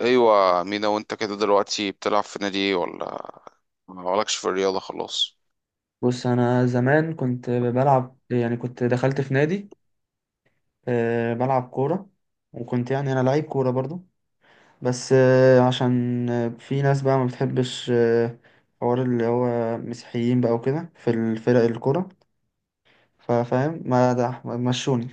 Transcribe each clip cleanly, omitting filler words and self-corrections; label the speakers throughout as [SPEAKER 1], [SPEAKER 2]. [SPEAKER 1] ايوه مينا، وانت كده دلوقتي بتلعب في نادي ايه؟ ولا مالكش في الرياضه خلاص؟
[SPEAKER 2] بص، انا زمان كنت بلعب، يعني كنت دخلت في نادي، بلعب كوره. وكنت يعني انا لعيب كوره برضو، بس عشان في ناس بقى ما بتحبش، حوار اللي هو مسيحيين بقى وكده في الفرق الكوره. ففاهم، ما ده ما مشوني.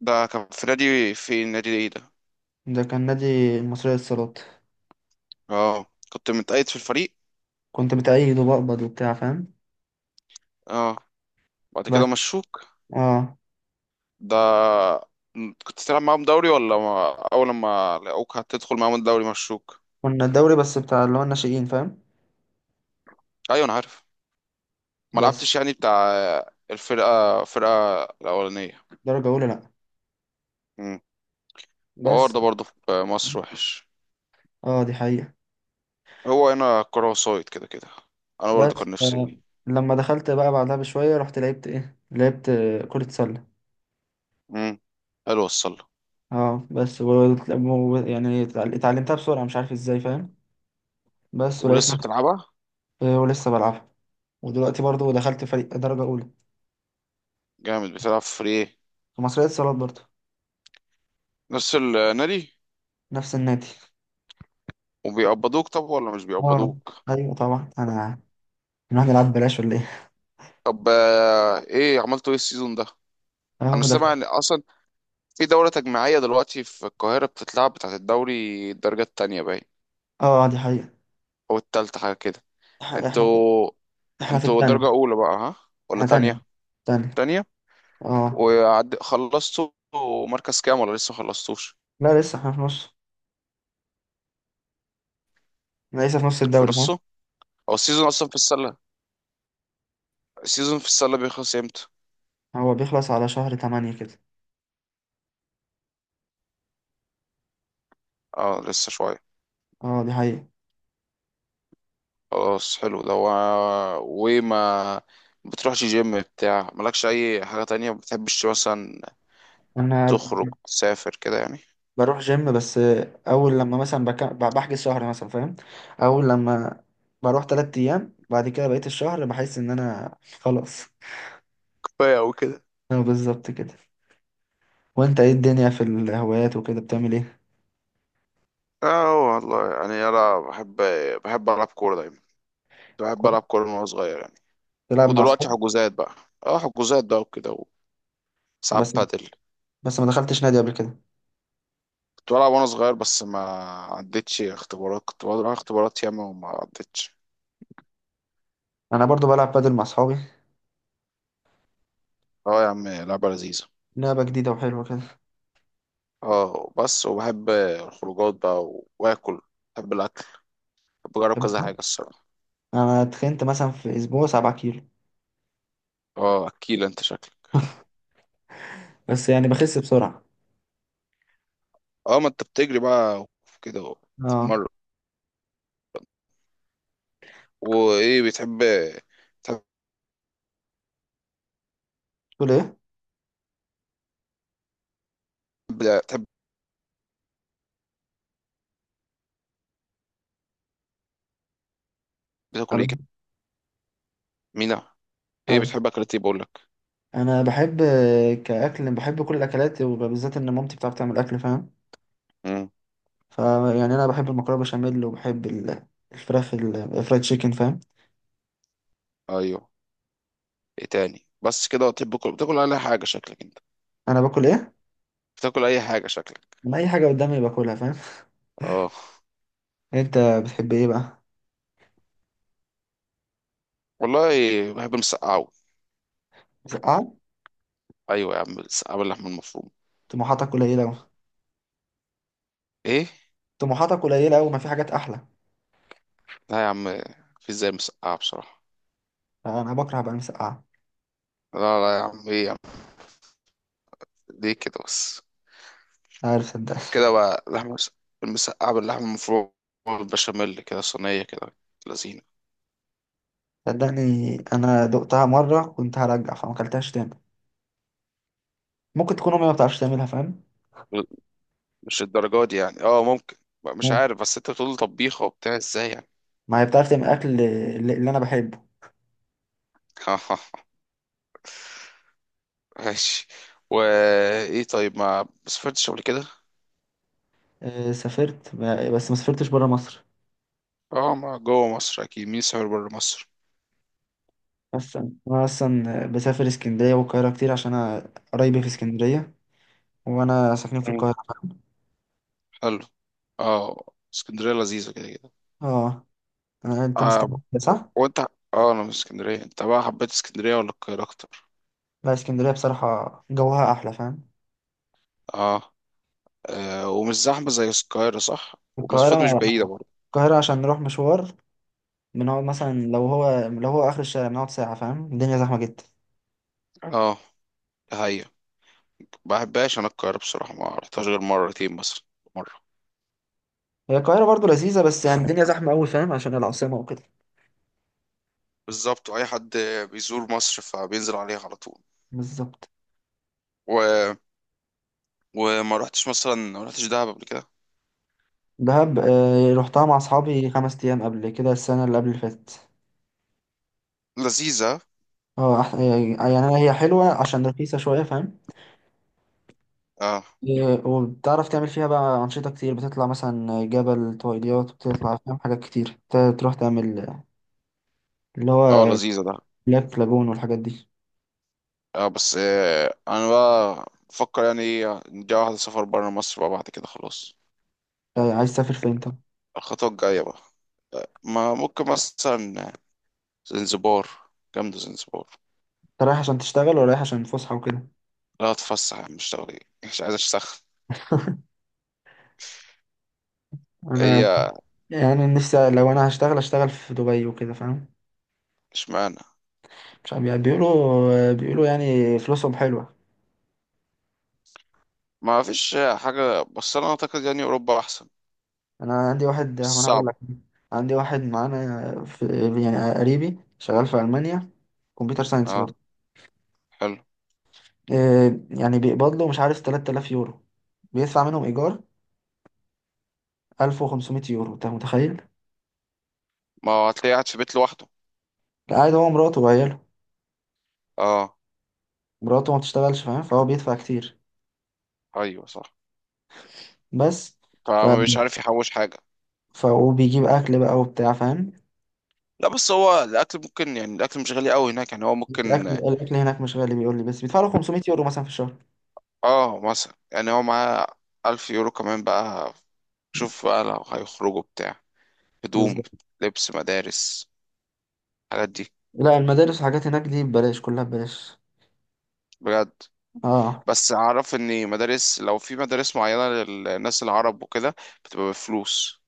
[SPEAKER 1] ده كان في نادي، في نادي ايه ده؟
[SPEAKER 2] ده كان نادي المصرية للصالات.
[SPEAKER 1] اه. كنت متقيد في الفريق؟
[SPEAKER 2] كنت بتأيد وبقبض وبتاع فاهم.
[SPEAKER 1] اه. بعد كده
[SPEAKER 2] بس.
[SPEAKER 1] مشوك؟
[SPEAKER 2] اه.
[SPEAKER 1] ده كنت تلعب معاهم دوري ولا ما... اول ما لقوك هتدخل معاهم الدوري مشوك؟
[SPEAKER 2] كنا الدوري بس بتاع اللي هو الناشئين فاهم.
[SPEAKER 1] ايوه انا عارف. ما
[SPEAKER 2] بس.
[SPEAKER 1] لعبتش يعني بتاع الفرقه الاولانيه؟
[SPEAKER 2] درجة أولى لأ.
[SPEAKER 1] امم الحوار
[SPEAKER 2] بس.
[SPEAKER 1] ده برضه في مصر وحش.
[SPEAKER 2] اه، دي حقيقة.
[SPEAKER 1] هو هنا كرة وسايد كده كده. انا برضه
[SPEAKER 2] بس
[SPEAKER 1] كان نفسي.
[SPEAKER 2] لما دخلت بقى بعدها بشوية، رحت لعبت لعبت كرة سلة.
[SPEAKER 1] امم حلو، وصل.
[SPEAKER 2] اه بس يعني اتعلمتها بسرعة، مش عارف ازاي فاهم. بس ولقيت
[SPEAKER 1] ولسه
[SPEAKER 2] نفسي.
[SPEAKER 1] بتلعبها؟
[SPEAKER 2] ولسه بلعبها. ودلوقتي برضو دخلت فريق درجة أولى
[SPEAKER 1] جامد. بتلعب فري ايه؟
[SPEAKER 2] في مصرية اتصالات برضو.
[SPEAKER 1] نفس النادي.
[SPEAKER 2] نفس النادي.
[SPEAKER 1] وبيقبضوك طب ولا مش
[SPEAKER 2] اه،
[SPEAKER 1] بيقبضوك؟
[SPEAKER 2] ايوه طبعا انا نروح نلعب بلاش ولا ايه.
[SPEAKER 1] طب ايه عملتوا ايه السيزون ده؟
[SPEAKER 2] اه،
[SPEAKER 1] انا
[SPEAKER 2] ما
[SPEAKER 1] سامع
[SPEAKER 2] دخلت.
[SPEAKER 1] ان اصلا في دورة تجميعية دلوقتي في القاهرة بتتلعب، بتاعت الدوري الدرجة التانية باين،
[SPEAKER 2] اه، دي حقيقة.
[SPEAKER 1] او التالتة حاجة كده.
[SPEAKER 2] إح- احنا في...
[SPEAKER 1] انتوا،
[SPEAKER 2] احنا في
[SPEAKER 1] انتوا
[SPEAKER 2] التانية.
[SPEAKER 1] درجة أولى بقى ها ولا
[SPEAKER 2] احنا تانية.
[SPEAKER 1] تانية؟
[SPEAKER 2] تانية.
[SPEAKER 1] تانية.
[SPEAKER 2] اه.
[SPEAKER 1] وعد خلصتوا مركز كام ولا لسه خلصتوش؟
[SPEAKER 2] لا، لسه احنا في نص. أنا لسه في نص
[SPEAKER 1] في
[SPEAKER 2] الدوري فاهم.
[SPEAKER 1] نصه. هو السيزون أصلا في السلة، السيزون في السلة بيخلص امتى؟
[SPEAKER 2] هو بيخلص على شهر 8 كده.
[SPEAKER 1] اه لسه شوية.
[SPEAKER 2] اه، دي حقيقة.
[SPEAKER 1] خلاص حلو. ده و... وما بتروحش جيم؟ بتاع مالكش أي حاجة تانية ما بتحبش مثلا
[SPEAKER 2] انا
[SPEAKER 1] تخرج تسافر كده يعني؟
[SPEAKER 2] بروح جيم بس. اول لما مثلا بحجز شهر مثلا فاهم. اول لما بروح 3 ايام، بعد كده بقيت الشهر بحس ان انا خلاص.
[SPEAKER 1] كفايه او كده.
[SPEAKER 2] اه بالظبط كده. وانت ايه الدنيا في الهوايات وكده، بتعمل ايه؟
[SPEAKER 1] اه والله يعني انا بحب، بحب العب كوره دايما. كنت بحب
[SPEAKER 2] كويس.
[SPEAKER 1] العب كوره من وانا صغير يعني.
[SPEAKER 2] تلعب مع
[SPEAKER 1] ودلوقتي
[SPEAKER 2] اصحابك.
[SPEAKER 1] حجوزات بقى. اه حجوزات بقى وكده، وساعات
[SPEAKER 2] بس
[SPEAKER 1] بادل.
[SPEAKER 2] بس ما دخلتش نادي قبل كده.
[SPEAKER 1] كنت بلعب وانا صغير بس ما عدتش اختبارات. كنت بقعد ألعب اختبارات ياما وما عدتش.
[SPEAKER 2] انا برضو بلعب بادل مع اصحابي.
[SPEAKER 1] اه يا عم، لعبة لذيذة.
[SPEAKER 2] لعبة جديدة وحلوة كده.
[SPEAKER 1] اه بس وبحب الخروجات بقى واكل. بحب الاكل. بحب اجرب كذا حاجة الصراحة.
[SPEAKER 2] انا اتخنت مثلا في اسبوع 7 كيلو.
[SPEAKER 1] اه اكيل انت شكلك.
[SPEAKER 2] بس يعني بخس بسرعة.
[SPEAKER 1] اه ما انت بتجري بقى كده
[SPEAKER 2] اه.
[SPEAKER 1] وتتمرن. وايه بتحب؟ تحب
[SPEAKER 2] تقول ايه؟
[SPEAKER 1] تحب تاكل
[SPEAKER 2] الو.
[SPEAKER 1] ايه كده؟ مينا، ايه
[SPEAKER 2] ايوه،
[SPEAKER 1] بتحب؟ اكلات ايه بقول لك؟
[SPEAKER 2] انا بحب. بحب كل الاكلات، وبالذات ان مامتي بتعرف تعمل اكل فاهم.
[SPEAKER 1] امم
[SPEAKER 2] فيعني انا بحب المكرونه بشاميل، وبحب الفراخ، الفرايد تشيكن فاهم.
[SPEAKER 1] ايوه. ايه تاني بس كده؟ بتحب تاكل، بتاكل اي حاجة شكلك انت؟
[SPEAKER 2] انا باكل ايه؟
[SPEAKER 1] بتاكل اي حاجة شكلك؟
[SPEAKER 2] انا اي حاجه قدامي باكلها فاهم.
[SPEAKER 1] اه
[SPEAKER 2] انت بتحب ايه بقى؟
[SPEAKER 1] والله. بحب المسقعة أوي.
[SPEAKER 2] مسقعه؟
[SPEAKER 1] أيوة يا عم، المسقعة باللحمة المفرومة.
[SPEAKER 2] طموحاتك قليله أوي.
[SPEAKER 1] إيه؟
[SPEAKER 2] طموحاتك قليله أوي، ما في حاجات احلى؟
[SPEAKER 1] لا يا عم، في زي مسقعة بصراحة.
[SPEAKER 2] انا بكره بقى المسقعه.
[SPEAKER 1] لا لا يا عم، إيه يا عم، ليه كده بس؟
[SPEAKER 2] عارف، صدقني.
[SPEAKER 1] كده بقى. المسقعة باللحمة المفرومة والبشاميل كده، صينية كده، لذينة.
[SPEAKER 2] صدقني، انا دقتها مره كنت هرجع، فما اكلتهاش تاني. ممكن تكون امي ما بتعرفش تعملها فاهم.
[SPEAKER 1] مش الدرجة دي يعني، اه ممكن. بقى، مش
[SPEAKER 2] ممكن.
[SPEAKER 1] عارف، بس انت بتقول طبيخة وبتاع ازاي يعني.
[SPEAKER 2] ما هي بتعرف تعمل اكل اللي انا بحبه.
[SPEAKER 1] ها ماشي. وايه طيب، ما سافرتش قبل كده؟
[SPEAKER 2] سافرت بس ما سافرتش برا مصر.
[SPEAKER 1] اه ما جوه مصر اكيد. مين سافر بره مصر؟
[SPEAKER 2] بس انا اصلا بسافر اسكندريه والقاهره كتير، عشان انا قرايبي في اسكندريه، وانا ساكنين في
[SPEAKER 1] مم.
[SPEAKER 2] القاهره.
[SPEAKER 1] حلو. اه. اسكندرية لذيذة كده كده.
[SPEAKER 2] اه. انت من
[SPEAKER 1] آه.
[SPEAKER 2] اسكندريه صح؟
[SPEAKER 1] وانت؟ اه انا من اسكندريه. انت بقى حبيت اسكندريه ولا القاهره اكتر؟
[SPEAKER 2] لا، اسكندريه بصراحه جوها احلى فاهم.
[SPEAKER 1] اه، آه. ومش زحمه زي القاهره صح؟
[SPEAKER 2] القاهره.
[SPEAKER 1] ومسافات مش بعيده برضه.
[SPEAKER 2] القاهره عشان نروح مشوار، بنقعد مثلا لو هو لو هو اخر الشارع بنقعد ساعه فاهم. الدنيا زحمه جدا.
[SPEAKER 1] اه. ده هي، ما بحبهاش انا القاهره بصراحه. ما رحتهاش غير مرتين مثلا، مره.
[SPEAKER 2] هي القاهره برضو لذيذه، بس يعني الدنيا زحمه قوي فاهم، عشان العاصمه وكده.
[SPEAKER 1] بالظبط. واي حد بيزور مصر فبينزل عليها على طول.
[SPEAKER 2] بالظبط.
[SPEAKER 1] و... وما رحتش مثلا، ما رحتش دهب قبل كده؟
[SPEAKER 2] دهب رحتها مع اصحابي 5 ايام قبل كده، السنه اللي قبل اللي فاتت.
[SPEAKER 1] لذيذه.
[SPEAKER 2] اه. يعني أنا، هي حلوة عشان رخيصة شوية فاهم.
[SPEAKER 1] اه.
[SPEAKER 2] وبتعرف تعمل فيها بقى أنشطة كتير. بتطلع مثلا جبل طويليات، بتطلع فاهم حاجات كتير تروح تعمل، اللي
[SPEAKER 1] اه
[SPEAKER 2] هو
[SPEAKER 1] لذيذه ده.
[SPEAKER 2] بلاك لاجون والحاجات دي.
[SPEAKER 1] اه بس انا بقى بفكر يعني نجي واحده سفر بره مصر بقى بعد كده خلاص.
[SPEAKER 2] عايز تسافر فين انت؟ انت
[SPEAKER 1] الخطوه الجايه بقى. ما ممكن مثلا زنزبار. جامدة زنزبار.
[SPEAKER 2] رايح عشان تشتغل ولا رايح عشان فسحة وكده؟
[SPEAKER 1] لا هتفسح مش تغريب، مش عايز اشتغل. هي.
[SPEAKER 2] أنا، يعني نفسي لو أنا هشتغل أشتغل في دبي وكده فاهم.
[SPEAKER 1] اشمعنى؟
[SPEAKER 2] مش عارف، يعني بيقولوا يعني فلوسهم حلوة.
[SPEAKER 1] ما فيش حاجة، بس انا اعتقد يعني اوروبا احسن.
[SPEAKER 2] انا عندي واحد، ما
[SPEAKER 1] بس
[SPEAKER 2] انا هقول
[SPEAKER 1] صعبة.
[SPEAKER 2] لك. عندي واحد معانا في، يعني قريبي، شغال في المانيا. كمبيوتر ساينس
[SPEAKER 1] اه
[SPEAKER 2] برضه.
[SPEAKER 1] حلو.
[SPEAKER 2] يعني بيقبض له مش عارف 3000 يورو. بيدفع منهم ايجار 1500 يورو، انت متخيل.
[SPEAKER 1] ما هو هتلاقيه قاعد في بيت لوحده.
[SPEAKER 2] قاعد هو، مراته وعياله.
[SPEAKER 1] اه.
[SPEAKER 2] مراته ما بتشتغلش فاهم، فهو بيدفع كتير.
[SPEAKER 1] ايوه صح.
[SPEAKER 2] بس ف...
[SPEAKER 1] فمش عارف يحوش حاجة.
[SPEAKER 2] وبيجيب اكل بقى وبتاع فاهم.
[SPEAKER 1] لا بس هو الاكل ممكن يعني، الاكل مش غالي قوي هناك يعني، هو
[SPEAKER 2] الاكل
[SPEAKER 1] ممكن.
[SPEAKER 2] الاكل هناك مش غالي، بيقول لي بس بيدفع له 500 يورو مثلا في الشهر.
[SPEAKER 1] اه مثلا، يعني هو معاه الف يورو كمان بقى. شوف بقى لو هيخرجوا بتاع، هدوم،
[SPEAKER 2] بالظبط.
[SPEAKER 1] لبس مدارس، الحاجات دي.
[SPEAKER 2] لا، المدارس والحاجات هناك دي ببلاش، كلها ببلاش.
[SPEAKER 1] بجد.
[SPEAKER 2] اه،
[SPEAKER 1] بس اعرف ان مدارس، لو في مدارس معينة للناس العرب وكده، بتبقى بفلوس.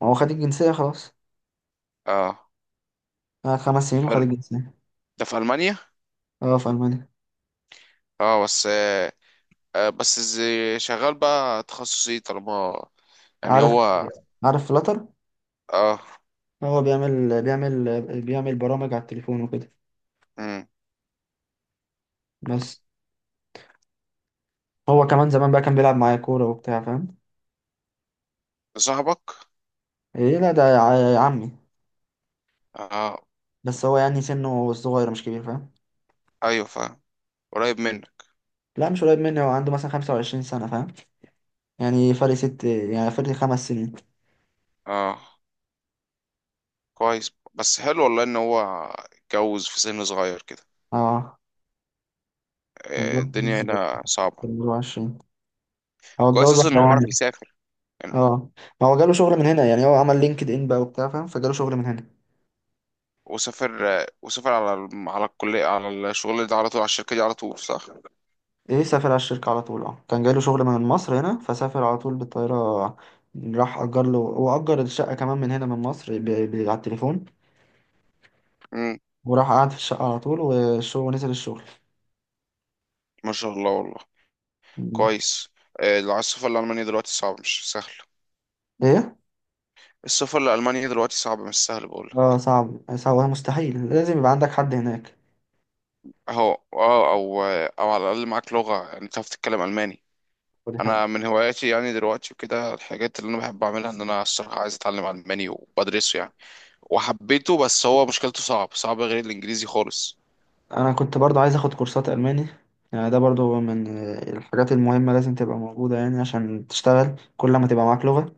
[SPEAKER 2] ما هو خد الجنسية خلاص.
[SPEAKER 1] اه.
[SPEAKER 2] آه، 5 سنين وخد
[SPEAKER 1] حلو.
[SPEAKER 2] الجنسية.
[SPEAKER 1] ده في المانيا؟
[SPEAKER 2] اه، في ألمانيا.
[SPEAKER 1] اه بس بس شغال بقى تخصصي طالما، يعني
[SPEAKER 2] عارف.
[SPEAKER 1] هو.
[SPEAKER 2] عارف فلاتر؟
[SPEAKER 1] اه.
[SPEAKER 2] هو بيعمل برامج على التليفون وكده.
[SPEAKER 1] امم
[SPEAKER 2] بس. هو كمان زمان بقى كان بيلعب معايا كورة وبتاع فاهم.
[SPEAKER 1] صاحبك؟
[SPEAKER 2] ايه لا، ده عمي.
[SPEAKER 1] اه.
[SPEAKER 2] بس هو يعني سنه صغير مش كبير فاهم.
[SPEAKER 1] ايوه فاهم. قريب منك.
[SPEAKER 2] لا، مش قريب مني. هو عنده مثلا 25 سنة فاهم، يعني فرق ست، يعني فرق 5 سنين.
[SPEAKER 1] اه كويس. بس حلو والله ان هو اتجوز في سن صغير كده.
[SPEAKER 2] اه،
[SPEAKER 1] الدنيا
[SPEAKER 2] متجوز في
[SPEAKER 1] هنا صعبة.
[SPEAKER 2] 24. هو
[SPEAKER 1] كويس
[SPEAKER 2] اتجوز
[SPEAKER 1] اصلا ان
[SPEAKER 2] واحدة
[SPEAKER 1] هو عارف
[SPEAKER 2] ألمانية.
[SPEAKER 1] يسافر يعني.
[SPEAKER 2] اه ما هو جاله شغل من هنا. يعني هو عمل لينكد إن بقى وبتاع فاهم، فجاله شغل من هنا.
[SPEAKER 1] وسافر، وسافر على على الكلية، على الشغل ده على طول، على الشركة دي على طول صح؟
[SPEAKER 2] ايه، سافر على الشركة على طول. اه كان جايله شغل من مصر هنا، فسافر على طول بالطيارة. راح أجر له، وأجر الشقة كمان من هنا من مصر على التليفون.
[SPEAKER 1] امم.
[SPEAKER 2] وراح قعد في الشقة على طول، والشغل، ونزل الشغل.
[SPEAKER 1] ما شاء الله والله.
[SPEAKER 2] مم.
[SPEAKER 1] كويس. لو عايز السفر لألمانيا دلوقتي صعب مش سهل.
[SPEAKER 2] ايه.
[SPEAKER 1] السفر لألمانيا دلوقتي صعب مش سهل بقولك.
[SPEAKER 2] اه، صعب صعب مستحيل، لازم يبقى عندك حد هناك.
[SPEAKER 1] أهو أه. أو أو على الأقل معاك لغة، يعني تعرف تتكلم ألماني.
[SPEAKER 2] ودي حاجة.
[SPEAKER 1] أنا من هواياتي يعني دلوقتي وكده، الحاجات اللي أنا بحب أعملها، إن أنا الصراحة عايز أتعلم ألماني وبدرسه يعني. وحبيته، بس هو مشكلته صعب، صعب غير الإنجليزي خالص.
[SPEAKER 2] أنا كنت برضو عايز أخد كورسات ألماني. يعني ده برضو من الحاجات المهمة، لازم تبقى موجودة يعني عشان تشتغل. كل ما تبقى معاك لغة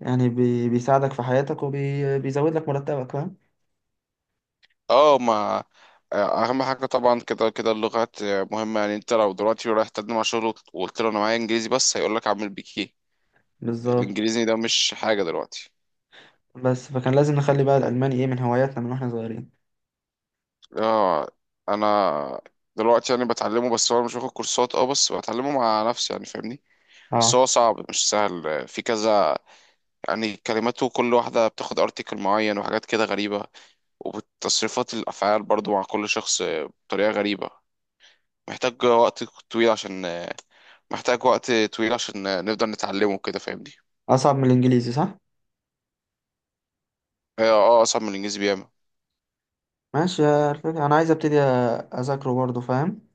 [SPEAKER 2] يعني بيساعدك في حياتك، وبيزود لك مرتبك فاهم.
[SPEAKER 1] اه ما اهم حاجه طبعا كده كده اللغات مهمه. يعني انت لو دلوقتي رايح تقدم على شغل وقلت له انا معايا انجليزي بس، هيقول لك اعمل بيك ايه؟
[SPEAKER 2] بالظبط.
[SPEAKER 1] الانجليزي ده مش حاجه دلوقتي.
[SPEAKER 2] بس فكان لازم نخلي بقى الألماني من هواياتنا من واحنا صغيرين.
[SPEAKER 1] اه انا دلوقتي يعني بتعلمه، بس هو أنا مش واخد كورسات، اه بس بتعلمه مع نفسي يعني فاهمني. بس
[SPEAKER 2] اه،
[SPEAKER 1] هو صعب مش سهل في كذا يعني. كلماته كل واحده بتاخد ارتكل معين وحاجات كده غريبه. وتصريفات الافعال برضو مع كل شخص بطريقه غريبه. محتاج وقت طويل عشان آه، محتاج وقت طويل عشان نقدر نتعلمه كده فاهمني.
[SPEAKER 2] أصعب من الإنجليزي صح؟
[SPEAKER 1] اه اصعب من الانجليزي بياما.
[SPEAKER 2] ماشي. يا الفكرة أنا عايز أبتدي أذاكره برضه فاهم؟